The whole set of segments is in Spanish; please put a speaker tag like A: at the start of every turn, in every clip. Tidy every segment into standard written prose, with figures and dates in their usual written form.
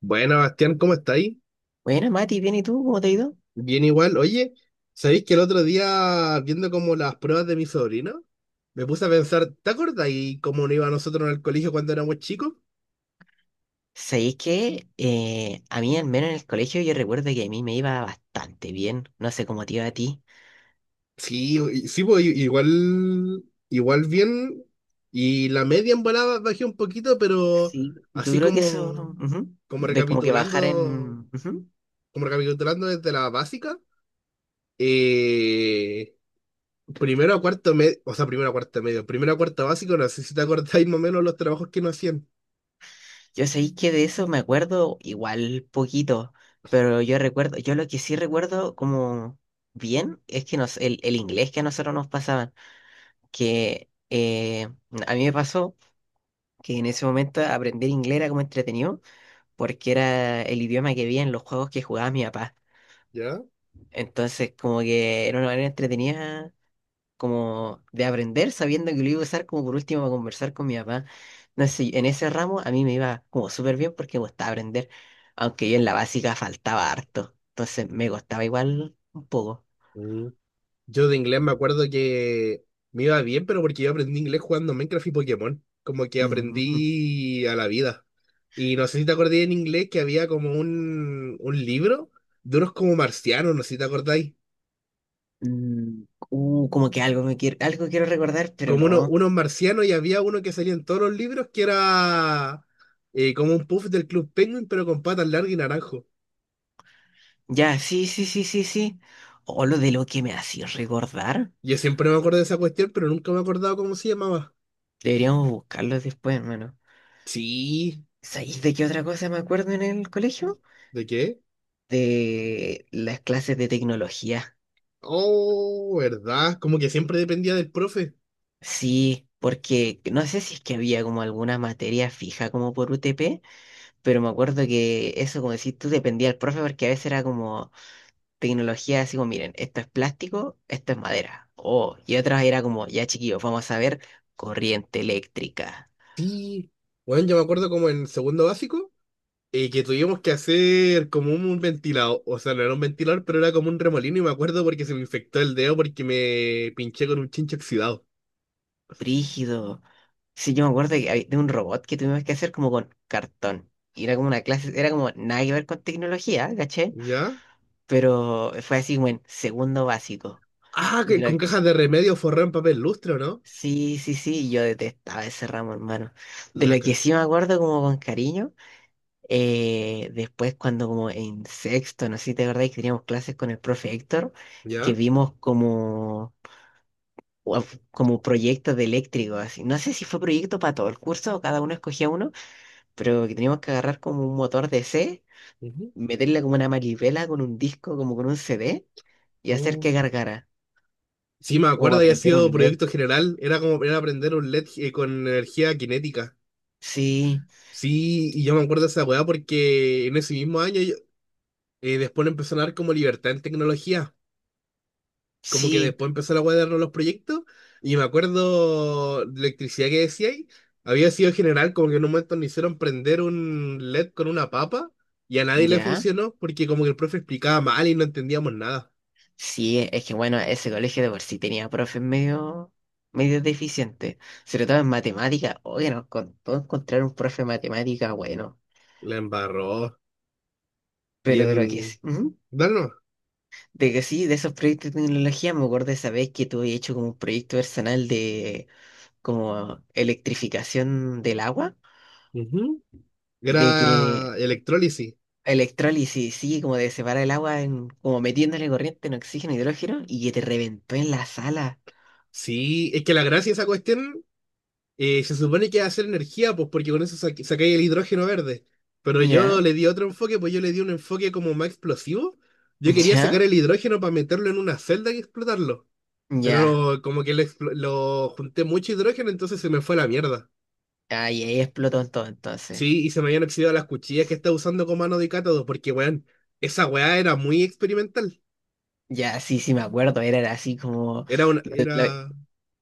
A: Bueno, Bastián, ¿cómo estáis?
B: Bueno, Mati, bien, ¿y tú? ¿Cómo te ha ido?
A: Bien igual. Oye, ¿sabéis que el otro día, viendo como las pruebas de mi sobrino, me puse a pensar, ¿te acordáis cómo nos iba a nosotros en el colegio cuando éramos chicos?
B: Sabéis que, a mí, al menos en el colegio, yo recuerdo que a mí me iba bastante bien. No sé cómo te iba a ti.
A: Sí, igual, igual bien. Y la media en volada bajé un poquito, pero
B: Sí, yo
A: así
B: creo que eso,
A: como,
B: ujú,
A: como
B: de como que bajar
A: recapitulando,
B: en, ujú.
A: como recapitulando desde la básica, eh, primero a cuarto medio, o sea, primero a cuarto medio, primero a cuarto básico, no sé si te acordáis más o menos los trabajos que nos hacían.
B: Yo sabéis que de eso me acuerdo igual poquito, pero yo recuerdo, yo lo que sí recuerdo como bien es que nos, el inglés que a nosotros nos pasaban, que a mí me pasó que en ese momento aprender inglés era como entretenido, porque era el idioma que vi en los juegos que jugaba mi papá.
A: ¿Ya?
B: Entonces, como que era una manera entretenida como de aprender sabiendo que lo iba a usar como por último para conversar con mi papá. No sé, en ese ramo a mí me iba como súper bien porque me gustaba aprender, aunque yo en la básica faltaba harto. Entonces me costaba igual un poco.
A: Mm. Yo de inglés me acuerdo que me iba bien, pero porque yo aprendí inglés jugando Minecraft y Pokémon. Como que
B: Mm,
A: aprendí a la vida. Y no sé si te acordé en inglés que había como un libro de unos como marcianos, no sé si te acordáis.
B: mm, como que algo quiero recordar, pero
A: Como
B: no.
A: unos marcianos y había uno que salía en todos los libros que era como un puff del Club Penguin, pero con patas largas y naranjo.
B: Ya, sí, sí, sí, sí, sí. O lo de lo que me hacía recordar.
A: Yo siempre me acuerdo de esa cuestión, pero nunca me he acordado cómo se llamaba.
B: Deberíamos buscarlo después, hermano.
A: Sí,
B: ¿Sabéis de qué otra cosa me acuerdo en el colegio?
A: ¿de qué?
B: De las clases de tecnología.
A: Oh, ¿verdad? Como que siempre dependía del profe.
B: Sí, porque no sé si es que había como alguna materia fija como por UTP, pero me acuerdo que eso, como decís tú, dependía del profe porque a veces era como tecnología así como, miren, esto es plástico, esto es madera. Oh, y otras era como, ya, chiquillos, vamos a ver corriente eléctrica.
A: Sí. Bueno, yo me acuerdo como en segundo básico, que tuvimos que hacer como un, ventilador. O sea, no era un ventilador, pero era como un remolino. Y me acuerdo porque se me infectó el dedo porque me pinché con un chinche oxidado.
B: Brígido. Sí, yo me acuerdo de un robot que tuvimos que hacer como con cartón. Y era como una clase, era como nada que ver con tecnología, ¿caché?
A: ¿Ya?
B: Pero fue así como en segundo básico.
A: Ah,
B: De
A: que con
B: lo que,
A: cajas de remedio forré en papel lustre, ¿o no?
B: sí, sí, sí, yo detestaba ese ramo, hermano. De lo
A: Laca.
B: que sí me acuerdo como con cariño, después cuando como en sexto, no sé si te acordás que teníamos clases con el profe Héctor, que
A: ¿Ya?
B: vimos como, uf, como proyectos de eléctrico, así. No sé si fue proyecto para todo el curso o cada uno escogía uno, pero que teníamos que agarrar como un motor DC,
A: Ujú.
B: meterle como una manivela con un disco, como con un CD y hacer
A: Oh.
B: que gargara,
A: Sí, me
B: como
A: acuerdo,
B: para
A: había
B: prender un
A: sido
B: LED.
A: proyecto general. Era como era aprender un LED con energía cinética.
B: Sí,
A: Sí, y yo me acuerdo de esa weá porque en ese mismo año después le empezó a dar como libertad en tecnología. Como que
B: sí,
A: después empezó la weá de darnos los proyectos. Y me acuerdo, la electricidad que decía ahí, había sido general, como que en un momento nos hicieron prender un LED con una papa y a nadie le
B: ya.
A: funcionó porque como que el profe explicaba mal y no entendíamos nada.
B: Sí, es que bueno, ese colegio de por sí tenía profes medio, medio deficientes, sobre todo en matemática. Oye, nos costó encontrar un profe de matemática bueno,
A: La embarró. Y
B: pero de lo que
A: en...
B: es. Ujú.
A: Dano.
B: De que sí, de esos proyectos de tecnología, me acuerdo de esa vez que tuve hecho como un proyecto personal de como electrificación del agua.
A: Ujú.
B: Y de que
A: Era electrólisis.
B: electrólisis, sí, como de separar el agua en, como metiéndole corriente, en oxígeno, e hidrógeno, y que te reventó en la sala.
A: Sí, es que la gracia de esa cuestión. Se supone que va a ser energía, pues porque con eso saca sacáis el hidrógeno verde. Pero yo
B: Ya,
A: le di otro enfoque, pues yo le di un enfoque como más explosivo. Yo quería
B: ya,
A: sacar el hidrógeno para meterlo en una celda y explotarlo.
B: ya.
A: Pero como que lo junté mucho hidrógeno, entonces se me fue a la mierda.
B: Ahí, ahí explotó en todo entonces.
A: Sí, y se me habían oxidado las cuchillas que estaba usando como mano de cátodo, porque, weón, esa weá era muy experimental.
B: Ya, sí, sí, me acuerdo, era así como.
A: Era una,
B: Lo, lo-
A: era,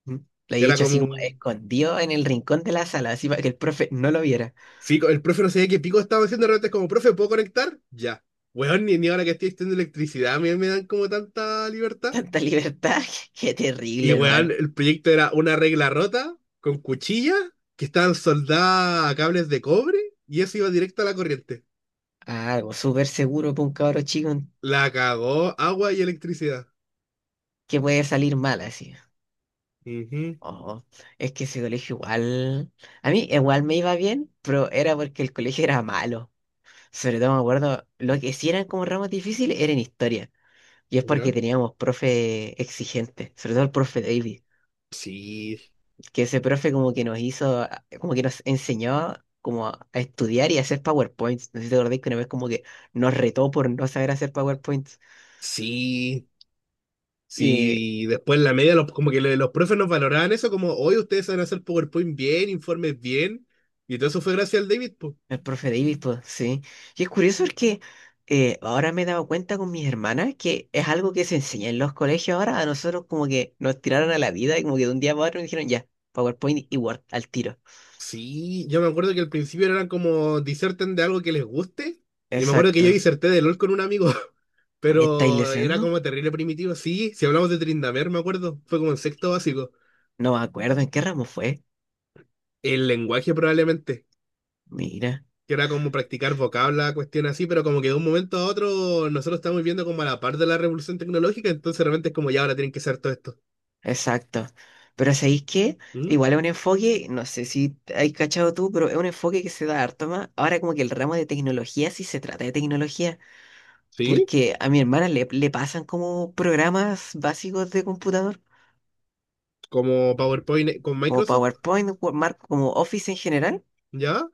B: ¿Mm? Lo he
A: Era
B: hecho así como
A: como,
B: escondido en el rincón de la sala, así para que el profe no lo viera.
A: sí, el profe no sabía qué pico estaba haciendo, de repente es como, profe, ¿puedo conectar? Ya. Weón, ni ahora que estoy estudiando electricidad me dan como tanta libertad.
B: Tanta libertad, qué
A: Y
B: terrible,
A: weón,
B: hermano.
A: el proyecto era una regla rota con cuchillas que estaban soldadas a cables de cobre y eso iba directo a la corriente.
B: Algo súper seguro para un cabro chico
A: La cagó agua y electricidad.
B: que puede salir mal así.
A: Ujú.
B: Oh, es que ese colegio igual, a mí igual me iba bien, pero era porque el colegio era malo. Sobre todo me acuerdo, lo que sí eran como ramos difíciles era en historia. Y es porque
A: ¿Ya?
B: teníamos profe exigente, sobre todo el profe David,
A: Sí,
B: que ese profe como que nos hizo, como que nos enseñó como a estudiar y a hacer PowerPoints. No sé si te acordáis que una vez como que nos retó por no saber hacer PowerPoints.
A: sí,
B: Y
A: sí. Y después en la media, los profes nos valoraban eso, como, hoy ustedes saben hacer PowerPoint bien, informes bien. Y todo eso fue gracias al David, po.
B: el profe Davis, pues, sí. Y es curioso porque ahora me he dado cuenta con mis hermanas que es algo que se enseña en los colegios ahora. A nosotros como que nos tiraron a la vida y como que de un día para otro nos dijeron ya, PowerPoint y Word al tiro.
A: Sí, yo me acuerdo que al principio eran como diserten de algo que les guste. Y me acuerdo que yo
B: Exacto.
A: diserté de LOL con un amigo,
B: ¿Me estáis
A: pero era
B: lesionando?
A: como terrible primitivo. Sí, si hablamos de Trindamer, me acuerdo, fue como en sexto básico.
B: No me acuerdo en qué ramo fue.
A: El lenguaje probablemente,
B: Mira,
A: que era como practicar vocabla, cuestión así, pero como que de un momento a otro nosotros estamos viviendo como a la par de la revolución tecnológica, entonces realmente es como ya ahora tienen que hacer todo esto.
B: exacto. Pero ¿sabéis qué?
A: ¿Mm?
B: Igual es un enfoque, no sé si hay cachado tú, pero es un enfoque que se da harto más. Ahora como que el ramo de tecnología sí se trata de tecnología.
A: ¿Sí?
B: Porque a mi hermana le pasan como programas básicos de computador,
A: Como PowerPoint con
B: como
A: Microsoft,
B: PowerPoint, Word- Mark, como Office en general.
A: ¿ya?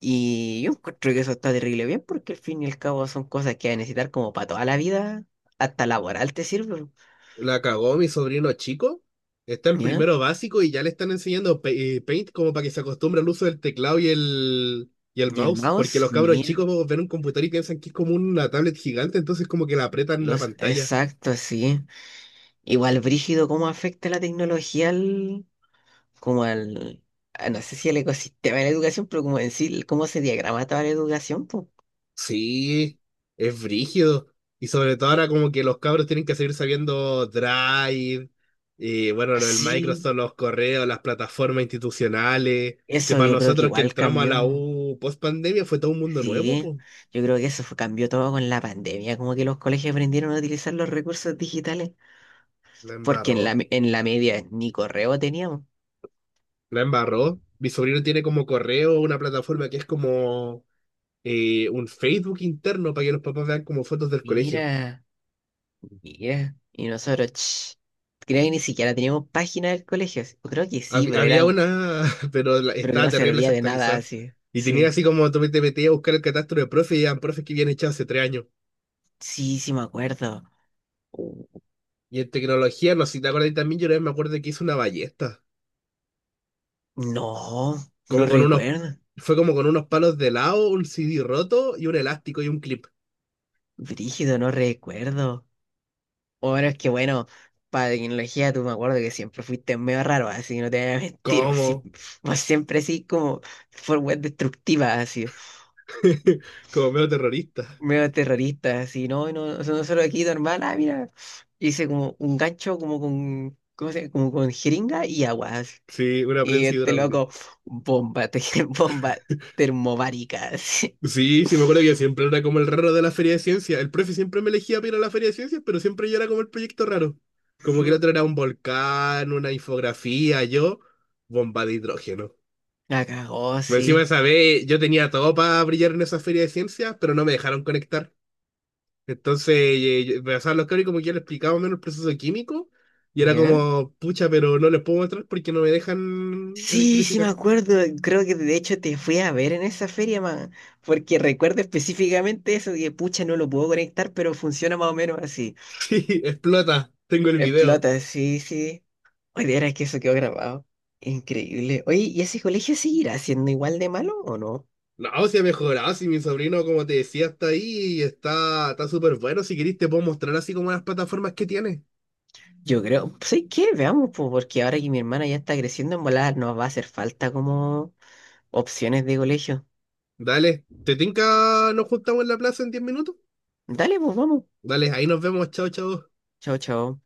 B: Y yo encuentro que eso está terrible bien porque al fin y al cabo son cosas que vas a necesitar como para toda la vida, hasta laboral te sirve.
A: La cagó mi sobrino chico. Está en
B: ¿Ya?
A: primero básico y ya le están enseñando Paint como para que se acostumbre al uso del teclado y y el
B: Y el
A: mouse. Porque
B: mouse,
A: los cabros
B: mira,
A: chicos ven un computador y piensan que es como una tablet gigante, entonces como que la apretan en la
B: los
A: pantalla.
B: exacto sí. Igual brígido cómo afecta la tecnología al, como al, no sé si al ecosistema de la educación, pero como en sí, cómo se diagrama toda la educación, pues.
A: Sí, es brígido. Y sobre todo ahora como que los cabros tienen que seguir sabiendo Drive, y bueno, el
B: Sí,
A: Microsoft, los correos, las plataformas institucionales, que
B: eso
A: para
B: yo creo que
A: nosotros que
B: igual
A: entramos a la
B: cambió.
A: U post pandemia fue todo un mundo nuevo,
B: Sí,
A: pues.
B: yo creo que cambió todo con la pandemia, como que los colegios aprendieron a utilizar los recursos digitales,
A: La
B: porque en
A: embarró.
B: la, en la media ni correo teníamos.
A: La embarró. Mi sobrino tiene como correo una plataforma que es como un Facebook interno para que los papás vean como fotos del colegio.
B: Mira, mira. Y nosotros, creo que ni siquiera teníamos página del colegio. Yo creo que sí, pero
A: Había
B: eran,
A: una, pero
B: pero que
A: estaba
B: no
A: terrible
B: servía de nada
A: desactualizada.
B: así.
A: Y tenía
B: Sí,
A: así como tú te metías a buscar el catastro de profe y eran profes que habían echado hace 3 años.
B: sí, sí me acuerdo. Uh,
A: Y en tecnología, no sé si te acuerdas también, yo una vez me acuerdo que hice una ballesta.
B: No,
A: Como
B: no
A: con unos,
B: recuerdo.
A: Fue como con unos palos de lado, un CD roto y un elástico y un clip.
B: Brígido, no recuerdo. Bueno, es que bueno, para tecnología tú me acuerdo que siempre fuiste medio raro, así que no te voy a mentir,
A: ¿Cómo?
B: vos siempre así como por web destructiva, así,
A: Como medio terrorista.
B: medio terrorista, así, no, no, no, nosotros aquí normal, ah, mira, hice como un gancho como con, ¿cómo se llama? Como con jeringa y agua, así.
A: Sí, una
B: Y
A: prensa
B: este
A: hidráulica.
B: loco, bomba, te, bomba termobárica, así.
A: Sí, sí, me acuerdo que yo siempre era como el raro de la feria de ciencias. El profe siempre me elegía para ir a la feria de ciencias, pero siempre yo era como el proyecto raro. Como que el
B: Ujú.
A: otro era un volcán, una infografía, yo, bomba de hidrógeno.
B: La cagó,
A: Pues encima de
B: sí.
A: esa vez yo tenía todo para brillar en esa feria de ciencias, pero no me dejaron conectar. Entonces me pasaban los cabros y como que ya les explicaba menos el proceso químico y era
B: ¿Ya?
A: como, pucha, pero no les puedo mostrar porque no me dejan
B: Sí, sí me
A: electrificar.
B: acuerdo. Creo que de hecho te fui a ver en esa feria, man. Porque recuerdo específicamente eso, que pucha, no lo puedo conectar, pero funciona más o menos así.
A: Sí, explota, tengo el video.
B: Explota, sí, sí. Oye, era que eso quedó grabado. Increíble. Oye, ¿y ese colegio seguirá siendo igual de malo o no?
A: No, si ha mejorado, si mi sobrino, como te decía, está ahí y está, está súper bueno. Si querés, te puedo mostrar así como las plataformas que tiene.
B: Yo creo, ¿sabes qué? Veamos, pues, porque ahora que mi hermana ya está creciendo en volar, nos va a hacer falta como opciones de colegio.
A: Dale, ¿te tinca? Nos juntamos en la plaza en 10 minutos.
B: Dale, pues vamos.
A: Dale, ahí nos vemos. Chao, chao.
B: Chao, chao.